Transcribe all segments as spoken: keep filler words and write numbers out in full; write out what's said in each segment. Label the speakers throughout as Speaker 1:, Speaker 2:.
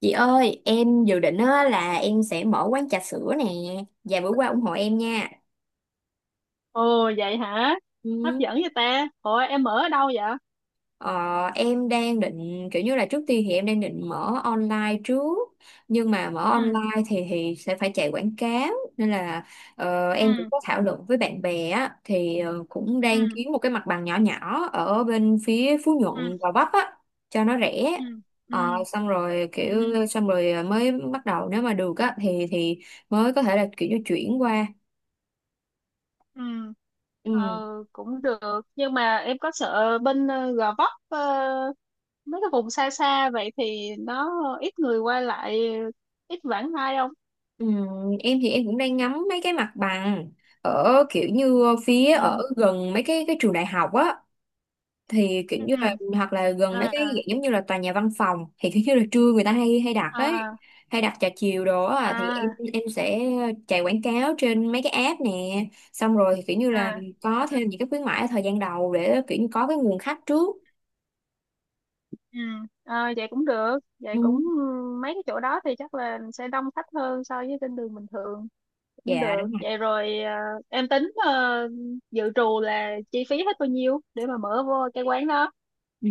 Speaker 1: Chị ơi, em dự định á, là em sẽ mở quán trà sữa nè. Vài bữa qua ủng hộ em nha.
Speaker 2: Ồ vậy hả? Hấp
Speaker 1: Ừ.
Speaker 2: dẫn vậy ta. Ủa em ở đâu vậy?
Speaker 1: Ờ, em đang định, kiểu như là trước tiên thì em đang định mở online trước. Nhưng mà mở
Speaker 2: Ừ.
Speaker 1: online thì thì sẽ phải chạy quảng cáo. Nên là ờ,
Speaker 2: Ừ.
Speaker 1: em cũng có thảo luận với bạn bè á. Thì ờ, cũng đang
Speaker 2: Ừ.
Speaker 1: kiếm một cái mặt bằng nhỏ nhỏ ở bên phía Phú
Speaker 2: Ừ.
Speaker 1: Nhuận, Gò Vấp á. Cho nó rẻ.
Speaker 2: Ừ.
Speaker 1: Ờ,
Speaker 2: Ừ.
Speaker 1: xong rồi kiểu
Speaker 2: Ừ.
Speaker 1: xong rồi ờ, mới bắt đầu nếu mà được á thì thì mới có thể là kiểu như chuyển qua.
Speaker 2: Ừ.
Speaker 1: Ừ,
Speaker 2: Ờ, cũng được. Nhưng mà em có sợ bên ờ, Gò Vấp, ờ, mấy cái vùng xa xa vậy thì nó ít người qua lại, ít vãng lai không?
Speaker 1: ừ, em thì em cũng đang ngắm mấy cái mặt bằng ở kiểu như phía
Speaker 2: Ừ.
Speaker 1: ở gần mấy cái cái trường đại học á, thì kiểu
Speaker 2: Ừ.
Speaker 1: như là hoặc là gần mấy cái
Speaker 2: À.
Speaker 1: dạng giống như là tòa nhà văn phòng, thì kiểu như là trưa người ta hay hay đặt ấy,
Speaker 2: À.
Speaker 1: hay đặt trà chiều đồ á thì em
Speaker 2: À.
Speaker 1: em sẽ chạy quảng cáo trên mấy cái app nè, xong rồi thì kiểu như là
Speaker 2: À.
Speaker 1: có thêm những cái khuyến mãi ở thời gian đầu để kiểu như có cái nguồn khách trước.
Speaker 2: Ừ. Ờ vậy cũng được. Vậy
Speaker 1: Ừ,
Speaker 2: cũng, ừ, mấy cái chỗ đó thì chắc là sẽ đông khách hơn so với trên đường bình thường. Cũng
Speaker 1: dạ
Speaker 2: được
Speaker 1: đúng.
Speaker 2: vậy rồi à? Em tính ờ, dự trù là chi phí hết bao nhiêu để mà mở vô cái quán đó.
Speaker 1: Ừ,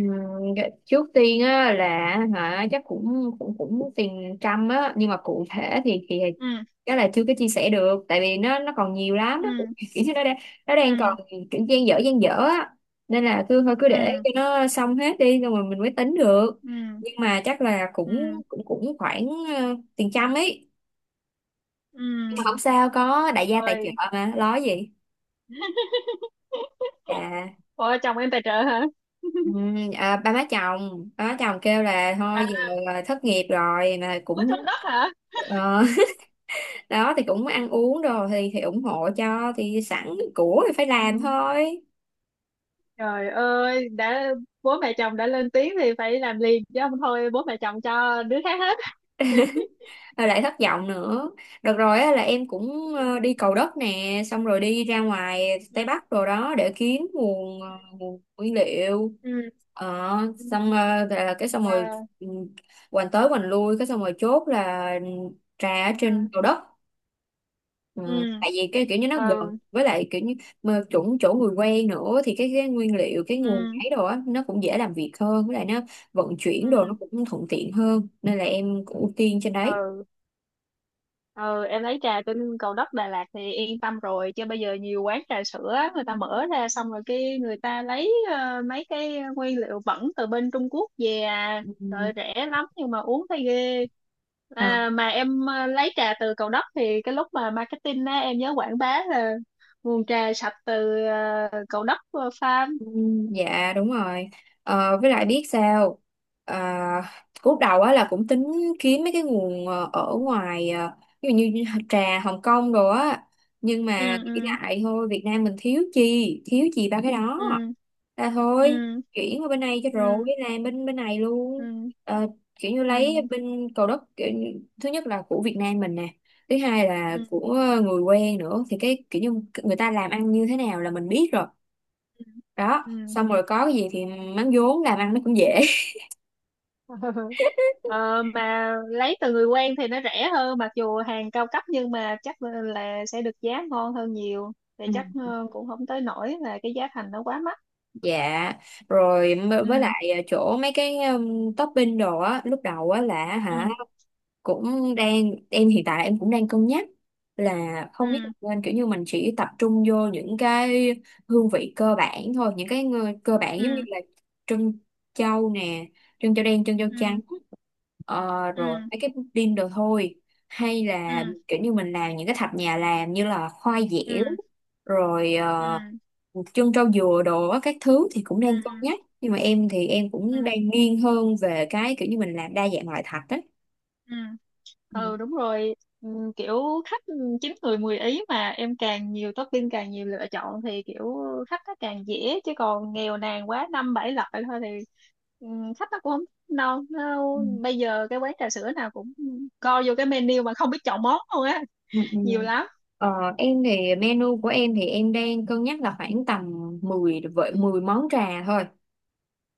Speaker 1: dạ, trước tiên á là hả chắc cũng cũng cũng tiền trăm á, nhưng mà cụ thể thì thì
Speaker 2: Ừ.
Speaker 1: cái là chưa có chia sẻ được, tại vì nó nó còn nhiều lắm, nó
Speaker 2: Ừ.
Speaker 1: cũng- kiểu như nó đang, nó đang
Speaker 2: Ừ.
Speaker 1: còn kiểu dang dở dang dở á, nên là cứ thôi cứ để
Speaker 2: Ừ.
Speaker 1: cho nó xong hết đi rồi mình mới tính được.
Speaker 2: Ừ.
Speaker 1: Nhưng mà chắc là cũng
Speaker 2: Ừ.
Speaker 1: cũng cũng khoảng ờ, tiền trăm ấy,
Speaker 2: Ừ.
Speaker 1: nhưng mà không sao, có đại gia tài
Speaker 2: Rồi.
Speaker 1: trợ mà lo gì. À,
Speaker 2: Ủa chồng em tài trợ hả?
Speaker 1: ừ, à, ba má chồng ba má chồng kêu là
Speaker 2: À,
Speaker 1: thôi giờ là thất nghiệp rồi mà
Speaker 2: có trống
Speaker 1: cũng
Speaker 2: đất hả?
Speaker 1: ờ, đó thì cũng ăn uống đồ thì thì ủng hộ cho, thì sẵn của thì phải làm
Speaker 2: Ừ.
Speaker 1: thôi.
Speaker 2: Trời ơi, đã bố mẹ chồng đã lên tiếng thì phải làm liền chứ không thôi bố mẹ chồng cho đứa khác hết.
Speaker 1: Rồi lại thất vọng nữa. Được rồi á, là em cũng
Speaker 2: Ừ.
Speaker 1: ờ, đi Cầu Đất nè, xong rồi đi ra ngoài Tây Bắc rồi đó để kiếm nguồn ờ, nguồn nguyên liệu.
Speaker 2: Ừ.
Speaker 1: ờ,
Speaker 2: Ừ.
Speaker 1: xong ờ, là cái xong rồi,
Speaker 2: À.
Speaker 1: ừ, hoành tới hoành lui cái xong rồi chốt là ừ, trà ở trên
Speaker 2: À.
Speaker 1: Cầu Đất. Ờ,
Speaker 2: Ừ.
Speaker 1: tại vì cái kiểu như nó gần,
Speaker 2: Ừ.
Speaker 1: với lại kiểu như mà chỗ chỗ người quen nữa, thì cái, cái nguyên liệu cái nguồn
Speaker 2: Ừ.
Speaker 1: ấy đồ á nó cũng dễ làm việc hơn, với lại nó vận chuyển đồ nó
Speaker 2: Ừ.
Speaker 1: cũng thuận tiện hơn nên là em cũng ưu tiên trên đấy.
Speaker 2: Ừ. Ừ. Em lấy trà trên Cầu Đất Đà Lạt thì yên tâm rồi, chứ bây giờ nhiều quán trà sữa người ta mở ra xong rồi cái người ta lấy ờ, mấy cái nguyên liệu bẩn từ bên Trung Quốc về à.
Speaker 1: Ừ.
Speaker 2: Rồi rẻ lắm nhưng mà uống thấy ghê. À, mà em ờ, lấy trà từ Cầu Đất thì cái lúc mà marketing á em nhớ quảng bá là nguồn trà sạch từ ờ, Cầu Đất ờ, farm.
Speaker 1: Ừ, dạ đúng rồi. Ờ, với lại biết sao, à, lúc đầu á là cũng tính kiếm mấy cái nguồn ờ, ở ngoài, ờ, ví dụ như trà Hồng Kông rồi á, nhưng
Speaker 2: Ừ.
Speaker 1: mà nghĩ
Speaker 2: Ừ.
Speaker 1: lại thôi Việt Nam mình thiếu chi thiếu gì ba cái đó, là thôi
Speaker 2: Ừ.
Speaker 1: chuyển qua bên này cho
Speaker 2: Ừ.
Speaker 1: rồi, làm bên bên này luôn.
Speaker 2: Ừ.
Speaker 1: Ờ, kiểu như
Speaker 2: Ừ.
Speaker 1: lấy bên Cầu Đất kiểu, như- thứ nhất là của Việt Nam mình nè, thứ hai
Speaker 2: Ừ.
Speaker 1: là
Speaker 2: Ừ.
Speaker 1: của người quen nữa, thì cái kiểu như người ta làm ăn như thế nào là mình biết rồi,
Speaker 2: Ừ.
Speaker 1: đó
Speaker 2: Ừ.
Speaker 1: xong rồi có cái gì thì mắm vốn làm ăn nó cũng dễ.
Speaker 2: Ừ.
Speaker 1: Ừ.
Speaker 2: Ờ, mà lấy từ người quen thì nó rẻ hơn mặc dù hàng cao cấp nhưng mà chắc là là sẽ được giá ngon hơn nhiều, thì chắc ờ, cũng không tới nỗi là cái giá thành nó quá mắc.
Speaker 1: Dạ rồi m- với
Speaker 2: Ừ.
Speaker 1: lại à, chỗ mấy cái um, topping đồ á lúc đầu á là hả
Speaker 2: Ừ.
Speaker 1: cũng đang em, hiện tại em cũng đang cân nhắc là không
Speaker 2: Ừ.
Speaker 1: biết nên kiểu như mình chỉ tập trung vô những cái hương vị cơ bản thôi, những cái ngư- cơ bản giống như
Speaker 2: Ừ.
Speaker 1: là trân châu nè, trân châu đen trân châu trắng,
Speaker 2: Ừ.
Speaker 1: ờ,
Speaker 2: Ừ.
Speaker 1: rồi mấy cái pudding đồ thôi, hay là
Speaker 2: Ừ.
Speaker 1: kiểu như mình làm những cái thạch nhà làm như là khoai
Speaker 2: Ừ.
Speaker 1: dẻo rồi
Speaker 2: Ừ.
Speaker 1: ờ, trân trâu dừa đồ á, các thứ, thì cũng
Speaker 2: Ừ.
Speaker 1: đang cân
Speaker 2: Ừ.
Speaker 1: nhắc nhưng mà em thì em
Speaker 2: Ừ.
Speaker 1: cũng đang nghiêng hơn về cái kiểu như mình làm đa dạng loại thạch á.
Speaker 2: Ừ. Ừ đúng rồi. Ừm, kiểu khách chín người mười ý mà em càng nhiều topping càng nhiều lựa chọn thì kiểu khách nó càng dễ, chứ còn nghèo nàn quá năm bảy loại thôi thì ừm, khách nó cũng không no nó.
Speaker 1: Ừ,
Speaker 2: Bây giờ cái quán trà sữa nào cũng co vô cái menu mà không biết chọn món luôn á,
Speaker 1: ừ, ừ.
Speaker 2: nhiều lắm.
Speaker 1: Ờ, em thì menu của em thì em đang cân nhắc là khoảng tầm mười vậy mười món trà thôi.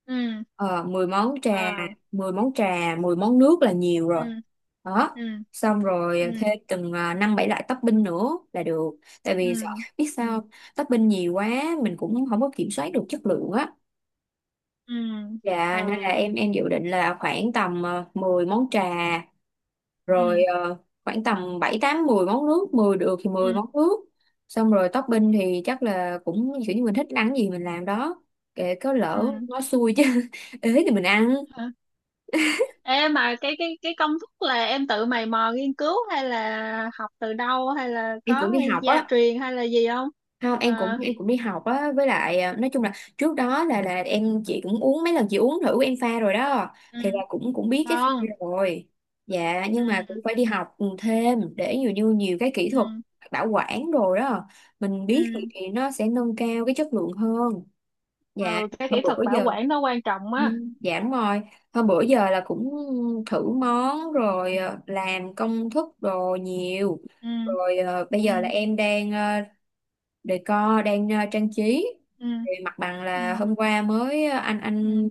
Speaker 2: Ừ.
Speaker 1: Ờ, mười món trà,
Speaker 2: Ờ.
Speaker 1: mười món trà, mười món nước là nhiều rồi.
Speaker 2: Ừ.
Speaker 1: Đó.
Speaker 2: Ừ.
Speaker 1: Xong
Speaker 2: Ừ.
Speaker 1: rồi thêm từng à, năm bảy loại topping nữa là được. Tại
Speaker 2: Ừ.
Speaker 1: vì sợ biết
Speaker 2: Ừ.
Speaker 1: sao không? Topping nhiều quá mình cũng không có kiểm soát được chất lượng á.
Speaker 2: Ừ.
Speaker 1: Dạ nên là
Speaker 2: Ừ.
Speaker 1: em em dự định là khoảng tầm ờ, mười món trà
Speaker 2: Ừ.
Speaker 1: rồi ờ, khoảng tầm bảy tám mười món nước, mười được thì
Speaker 2: Ừ.
Speaker 1: mười món nước. Xong rồi topping thì chắc là cũng kiểu như mình thích ăn gì mình làm đó. Kệ có lỡ nó xui chứ ế thì mình ăn.
Speaker 2: Ừ. Ê mà cái cái cái công thức là em tự mày mò nghiên cứu hay là học từ đâu hay là
Speaker 1: Em cũng
Speaker 2: có
Speaker 1: đi học
Speaker 2: gia
Speaker 1: á.
Speaker 2: truyền hay là gì không?
Speaker 1: Không em cũng
Speaker 2: À.
Speaker 1: em cũng đi học á, với lại à, nói chung là trước đó là là em, chị cũng uống mấy lần, chị uống thử em pha rồi đó, thì là
Speaker 2: Ừ.
Speaker 1: cũng cũng biết cái pha
Speaker 2: Ngon.
Speaker 1: rồi. Dạ
Speaker 2: Ừ.
Speaker 1: nhưng mà cũng phải đi học ừ, thêm để nhiều như nhiều cái kỹ
Speaker 2: Ừ.
Speaker 1: thuật bảo quản đồ đó mình biết thì,
Speaker 2: Ừ.
Speaker 1: thì nó sẽ nâng cao cái chất lượng hơn. Dạ.
Speaker 2: Ừ, cái
Speaker 1: Hôm
Speaker 2: kỹ thuật
Speaker 1: bữa
Speaker 2: bảo
Speaker 1: giờ.
Speaker 2: quản nó quan trọng
Speaker 1: Ừ,
Speaker 2: á.
Speaker 1: dạ đúng rồi. Hôm bữa giờ là cũng thử món rồi, ờ, làm công thức đồ nhiều.
Speaker 2: Ừ.
Speaker 1: Rồi ờ, bây
Speaker 2: Ừ.
Speaker 1: giờ là em đang ờ, decor, đang ờ, trang trí,
Speaker 2: Ừ.
Speaker 1: thì mặt bằng là
Speaker 2: Ừ.
Speaker 1: hôm qua mới ờ, anh anh
Speaker 2: Ừ.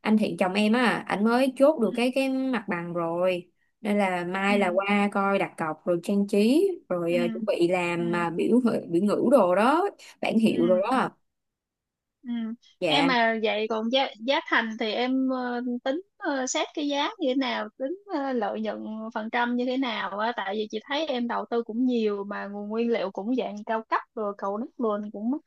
Speaker 1: anh Thiện chồng em á, ảnh mới chốt
Speaker 2: Ừ.
Speaker 1: được cái cái mặt bằng rồi, nên là
Speaker 2: Ừ.
Speaker 1: mai là qua coi đặt cọc rồi trang trí
Speaker 2: Ừ.
Speaker 1: rồi ờ, chuẩn bị
Speaker 2: Ừ.
Speaker 1: làm mà biểu ngữ- biểu ngữ đồ đó, bảng hiệu rồi
Speaker 2: Ừ.
Speaker 1: đó.
Speaker 2: Ừ. Em
Speaker 1: Dạ.
Speaker 2: mà vậy còn giá giá thành thì em ờ, tính ờ, xét cái giá như thế nào, tính ờ, lợi nhuận phần trăm như thế nào á, tại vì chị thấy em đầu tư cũng nhiều mà nguồn nguyên liệu cũng dạng cao cấp rồi cầu đất luôn cũng mắc.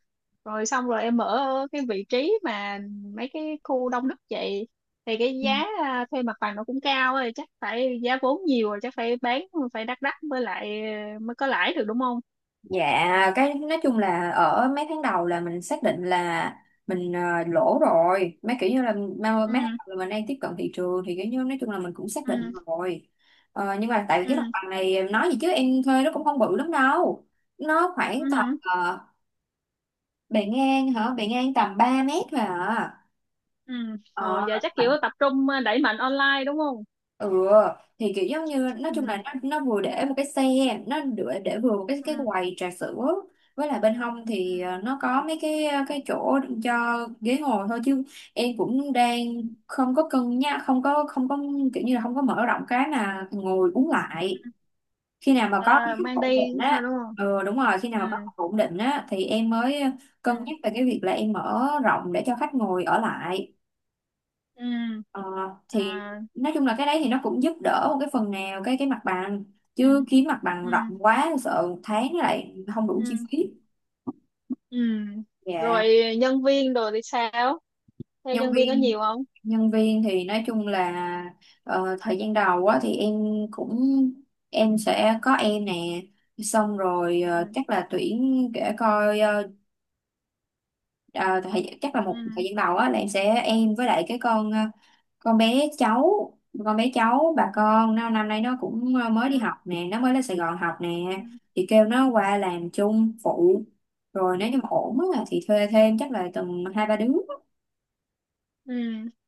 Speaker 2: Rồi xong rồi em ở cái vị trí mà mấy cái khu đông đúc vậy thì cái giá ờ, thuê mặt bằng nó cũng cao rồi, chắc phải giá vốn nhiều rồi chắc phải bán phải đắt đắt mới lại ờ, mới có lãi được đúng không?
Speaker 1: Dạ, cái nói chung là ở mấy tháng đầu là mình xác định là mình ờ, lỗ rồi. Mấy kiểu như là mà- mấy tháng
Speaker 2: Ừ.
Speaker 1: đầu là mình đang tiếp cận thị trường thì kiểu như nói chung là mình cũng xác định
Speaker 2: Ừ.
Speaker 1: rồi. Ờ, nhưng mà tại vì cái mặt
Speaker 2: Ừ.
Speaker 1: bằng này em nói gì chứ em thuê nó cũng không bự lắm đâu. Nó khoảng tầm
Speaker 2: Ừ.
Speaker 1: ờ, bề ngang hả? Bề ngang tầm ba mét thôi à.
Speaker 2: Ừ rồi,
Speaker 1: Ờ
Speaker 2: giờ chắc kiểu tập trung ờ, đẩy mạnh online đúng không?
Speaker 1: ừ, thì kiểu giống như nói
Speaker 2: Ừ.
Speaker 1: chung là nó nó vừa để một cái xe, nó để, để vừa một cái
Speaker 2: Ừ.
Speaker 1: cái quầy trà sữa, với lại bên hông
Speaker 2: Ừ.
Speaker 1: thì ờ, nó có mấy cái ờ, cái chỗ cho ghế ngồi thôi, chứ em cũng đang không có cân nhắc, không có không có kiểu như là không có mở rộng cái mà ngồi uống lại,
Speaker 2: Ừ.
Speaker 1: khi nào mà có cái
Speaker 2: À,
Speaker 1: khách
Speaker 2: mang
Speaker 1: ổn
Speaker 2: đi
Speaker 1: định
Speaker 2: sao
Speaker 1: á.
Speaker 2: đúng không?
Speaker 1: Ừ đúng rồi, khi nào
Speaker 2: Ừ.
Speaker 1: mà có khách ổn định á thì em mới
Speaker 2: Ừ.
Speaker 1: cân nhắc về cái việc là em mở rộng để cho khách ngồi ở lại.
Speaker 2: Ừ.
Speaker 1: Ờ, thì
Speaker 2: À.
Speaker 1: nói chung là cái đấy thì nó cũng giúp đỡ một cái phần nào cái cái mặt bằng,
Speaker 2: Ừ.
Speaker 1: chứ kiếm mặt bằng
Speaker 2: Ừ.
Speaker 1: rộng quá sợ một tháng lại không đủ chi
Speaker 2: Ừ.
Speaker 1: phí.
Speaker 2: Ừ rồi,
Speaker 1: Dạ.
Speaker 2: nhân viên đồ thì sao? Thuê
Speaker 1: Nhân
Speaker 2: nhân viên có
Speaker 1: viên,
Speaker 2: nhiều không?
Speaker 1: nhân viên thì nói chung là ờ, thời gian đầu á thì em cũng em sẽ có em nè, xong rồi ờ,
Speaker 2: Ừ.
Speaker 1: chắc là tuyển để coi ờ, ờ, thời, chắc là một thời
Speaker 2: Ừ.
Speaker 1: gian đầu á là em sẽ em, với lại cái con ờ, con bé cháu con bé cháu bà
Speaker 2: Ừ.
Speaker 1: con nó năm nay nó cũng ờ, mới đi
Speaker 2: Ừ.
Speaker 1: học nè, nó mới lên Sài Gòn học nè,
Speaker 2: Ừ.
Speaker 1: thì kêu nó qua làm chung phụ, rồi
Speaker 2: Ừ.
Speaker 1: nếu như mà ổn á thì thuê thêm chắc là tầm hai ba đứa.
Speaker 2: Ừ.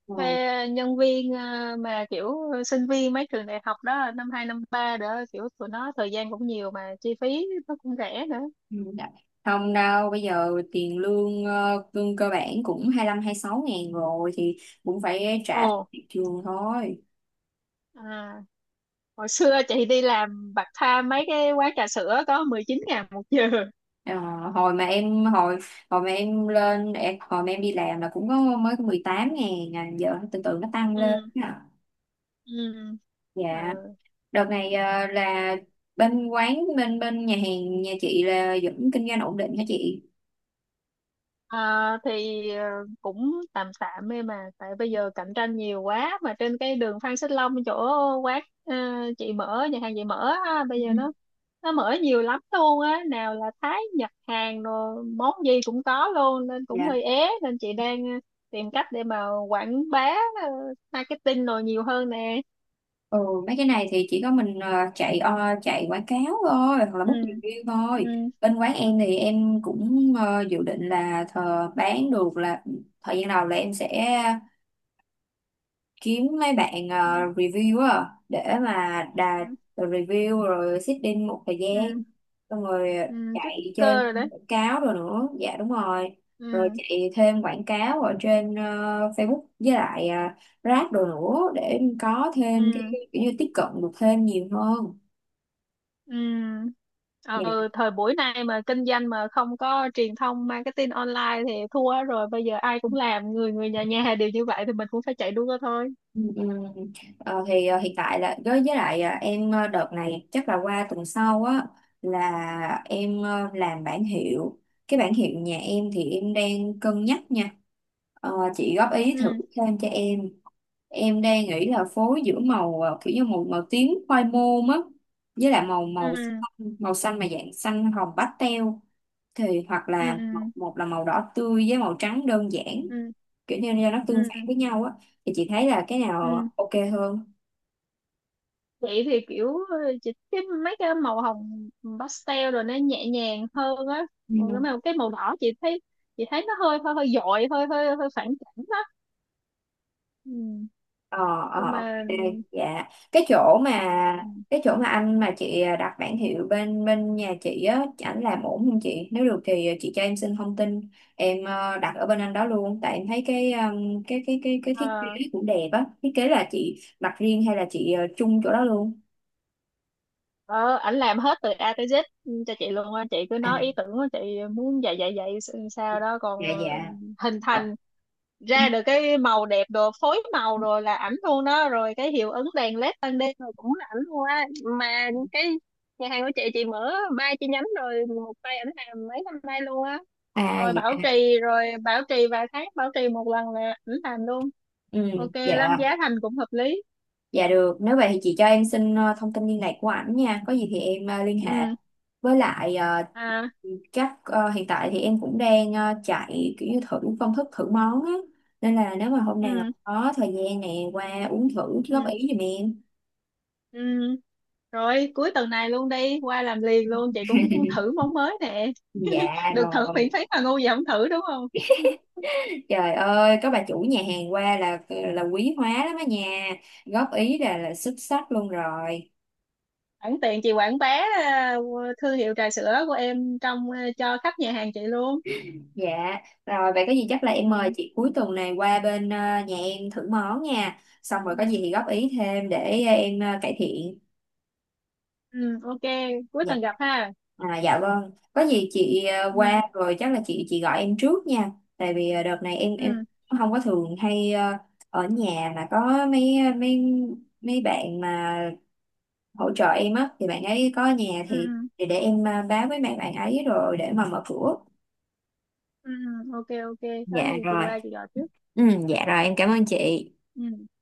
Speaker 1: Ừ.
Speaker 2: Thuê nhân viên ờ, mà kiểu sinh viên mấy trường đại học đó năm hai năm ba đó kiểu tụi nó thời gian cũng nhiều mà chi phí nó cũng rẻ nữa.
Speaker 1: Ừ. Dạ. Không đâu, bây giờ tiền lương ờ, lương cơ bản cũng hai lăm sáu ngàn rồi, thì cũng phải
Speaker 2: Ồ.
Speaker 1: trả tiền trường thôi.
Speaker 2: À, hồi xưa chị đi làm part time mấy cái quán trà sữa có mười chín ngàn một giờ.
Speaker 1: Ờ, hồi mà em hồi hồi mà em lên em, hồi mà em đi làm là cũng có mới có mười tám ngàn à, giờ từ từ nó tăng lên
Speaker 2: Ừ.
Speaker 1: à.
Speaker 2: Ừ.
Speaker 1: Dạ.
Speaker 2: Ờ.
Speaker 1: Đợt này ờ, là bên quán bên bên nhà hàng nhà chị là vẫn kinh doanh ổn định hả chị?
Speaker 2: À, thì ờ, cũng tạm tạm ấy mà tại bây giờ cạnh tranh nhiều quá mà trên cái đường Phan Xích Long chỗ quán ờ, chị mở nhà hàng chị mở á, bây
Speaker 1: Ừ.
Speaker 2: giờ nó nó mở nhiều lắm luôn á, nào là Thái Nhật Hàn rồi món gì cũng có luôn nên cũng hơi
Speaker 1: Dạ.
Speaker 2: ế nên chị đang ờ, tìm cách để mà quảng bá ờ, marketing rồi nhiều hơn nè.
Speaker 1: Ừ, mấy cái này thì chỉ có mình ờ, chạy ờ, chạy quảng cáo thôi, hoặc là
Speaker 2: Ừ.
Speaker 1: book review thôi, bên quán em thì em cũng ờ, dự định là thờ bán được là thời gian đầu là em sẽ kiếm mấy bạn
Speaker 2: Ừ.
Speaker 1: ờ, review á để mà đà
Speaker 2: Ừ.
Speaker 1: review rồi sitting một thời gian,
Speaker 2: Ừ.
Speaker 1: xong rồi
Speaker 2: Ừ. Tích
Speaker 1: chạy
Speaker 2: cơ
Speaker 1: trên
Speaker 2: rồi đấy.
Speaker 1: quảng cáo rồi nữa, dạ đúng rồi, rồi
Speaker 2: Ừ.
Speaker 1: chạy thêm quảng cáo ở trên ờ, Facebook với lại uh, Grab rồi nữa để có thêm cái
Speaker 2: Ừ.
Speaker 1: kiểu như tiếp cận được thêm nhiều hơn.
Speaker 2: Ừ.
Speaker 1: Dạ.
Speaker 2: Ờ, thời buổi này mà kinh doanh mà không có truyền thông marketing online thì thua rồi, bây giờ ai cũng làm, người người nhà nhà đều như vậy thì mình cũng phải chạy đua thôi.
Speaker 1: Ừ, ừ. Ờ, thì ờ, hiện tại là với với lại ờ, em ờ, đợt này chắc là qua tuần sau á là em ờ, làm bản hiệu, cái bản hiệu nhà em thì em đang cân nhắc nha. Ờ, chị góp ý thử
Speaker 2: Ừ.
Speaker 1: thêm cho em em đang nghĩ là phối giữa màu ờ, kiểu như màu màu tím khoai môn á, với lại màu màu
Speaker 2: Ừ.
Speaker 1: xanh- màu xanh mà dạng xanh hồng pastel, thì hoặc
Speaker 2: Ừ.
Speaker 1: là
Speaker 2: Ừ.
Speaker 1: một, một là màu đỏ tươi với màu trắng đơn giản,
Speaker 2: Ừ.
Speaker 1: kiểu như là nó
Speaker 2: Ừ.
Speaker 1: tương phản với nhau á, thì chị thấy là cái
Speaker 2: Ừ.
Speaker 1: nào OK hơn?
Speaker 2: Vậy thì kiểu ờ, chị cái mấy cái màu hồng pastel rồi nó nhẹ nhàng hơn á. Còn cái
Speaker 1: Ừ.
Speaker 2: màu cái màu đỏ chị thấy chị thấy nó hơi hơi hơi dội hơi hơi hơi phản cảm đó. Ừ.
Speaker 1: Ờ.
Speaker 2: Nhưng
Speaker 1: Ờ,
Speaker 2: mà
Speaker 1: OK.
Speaker 2: ừ.
Speaker 1: Dạ, cái chỗ
Speaker 2: Ừ.
Speaker 1: mà cái chỗ mà anh mà chị đặt bảng hiệu bên bên nhà chị á ảnh làm ổn không chị, nếu được thì chị cho em xin thông tin, em ờ, đặt ở bên anh đó luôn, tại em thấy cái um, cái cái cái cái thiết kế
Speaker 2: Ờ.
Speaker 1: cũng đẹp á, thiết kế là chị đặt riêng hay là chị ờ, chung chỗ đó luôn?
Speaker 2: Ờ, ảnh làm hết từ a tới dét cho chị luôn á, chị cứ
Speaker 1: À
Speaker 2: nói ý tưởng của chị muốn dạy dạy dạy s- sao đó, còn
Speaker 1: dạ dạ.
Speaker 2: hình
Speaker 1: Ờ.
Speaker 2: thành ra được cái màu đẹp đồ phối màu rồi là ảnh luôn đó, rồi cái hiệu ứng đèn led ban đêm rồi cũng là ảnh luôn á, mà cái nhà hàng của chị chị mở ba chi nhánh rồi một tay ảnh làm mấy năm nay luôn á,
Speaker 1: À
Speaker 2: rồi bảo
Speaker 1: dạ.
Speaker 2: trì rồi bảo trì vài tháng bảo trì một lần là ảnh làm luôn,
Speaker 1: Ừ,
Speaker 2: ok lắm,
Speaker 1: dạ,
Speaker 2: giá thành cũng hợp lý.
Speaker 1: dạ được. Nếu vậy thì chị cho em xin ờ, thông tin liên lạc của ảnh nha. Có gì thì em ờ, liên hệ.
Speaker 2: Ừ.
Speaker 1: Với lại ờ,
Speaker 2: À.
Speaker 1: các ờ, hiện tại thì em cũng đang ờ, chạy kiểu như thử công thức thử món á. Nên là nếu mà hôm
Speaker 2: Ừ.
Speaker 1: nào có thời gian nè qua uống thử góp
Speaker 2: Ừ.
Speaker 1: ý giùm em.
Speaker 2: Ừ. Rồi cuối tuần này luôn đi qua làm liền luôn, chị cũng muốn thử món mới nè.
Speaker 1: Dạ
Speaker 2: Được thử miễn
Speaker 1: rồi.
Speaker 2: phí mà ngu gì không thử đúng không?
Speaker 1: Trời ơi, có bà chủ nhà hàng qua là ờ, là quý hóa lắm á nha. Góp ý là là xuất sắc luôn rồi.
Speaker 2: Sẵn tiện chị quảng bá ờ, thương hiệu trà sữa của em trong ờ, cho khách nhà hàng chị luôn.
Speaker 1: Dạ, rồi vậy có gì chắc là em mời
Speaker 2: Ừ.
Speaker 1: chị cuối tuần này qua bên ờ, nhà em thử món nha. Xong rồi
Speaker 2: Ừ.
Speaker 1: có gì thì góp ý thêm để ờ, em ờ, cải thiện.
Speaker 2: Ừ ok, cuối
Speaker 1: Dạ,
Speaker 2: tuần gặp ha.
Speaker 1: à, dạ vâng. Có gì chị ờ,
Speaker 2: Ừ.
Speaker 1: qua rồi chắc là chị chị gọi em trước nha. Tại vì ờ, đợt này em em
Speaker 2: Ừ.
Speaker 1: không có thường hay ờ, ở nhà, mà có mấy ờ, mấy mấy bạn mà hỗ trợ em á, thì bạn ấy có ở nhà
Speaker 2: Ừ.
Speaker 1: thì
Speaker 2: Ừ.
Speaker 1: thì để em ờ, báo với mấy bạn ấy rồi để mà mở cửa.
Speaker 2: Ừ. Ừ. Ok ok, có
Speaker 1: Dạ
Speaker 2: gì chị
Speaker 1: rồi.
Speaker 2: qua chị gọi trước.
Speaker 1: Ừ, dạ rồi em cảm ơn chị.
Speaker 2: Ừ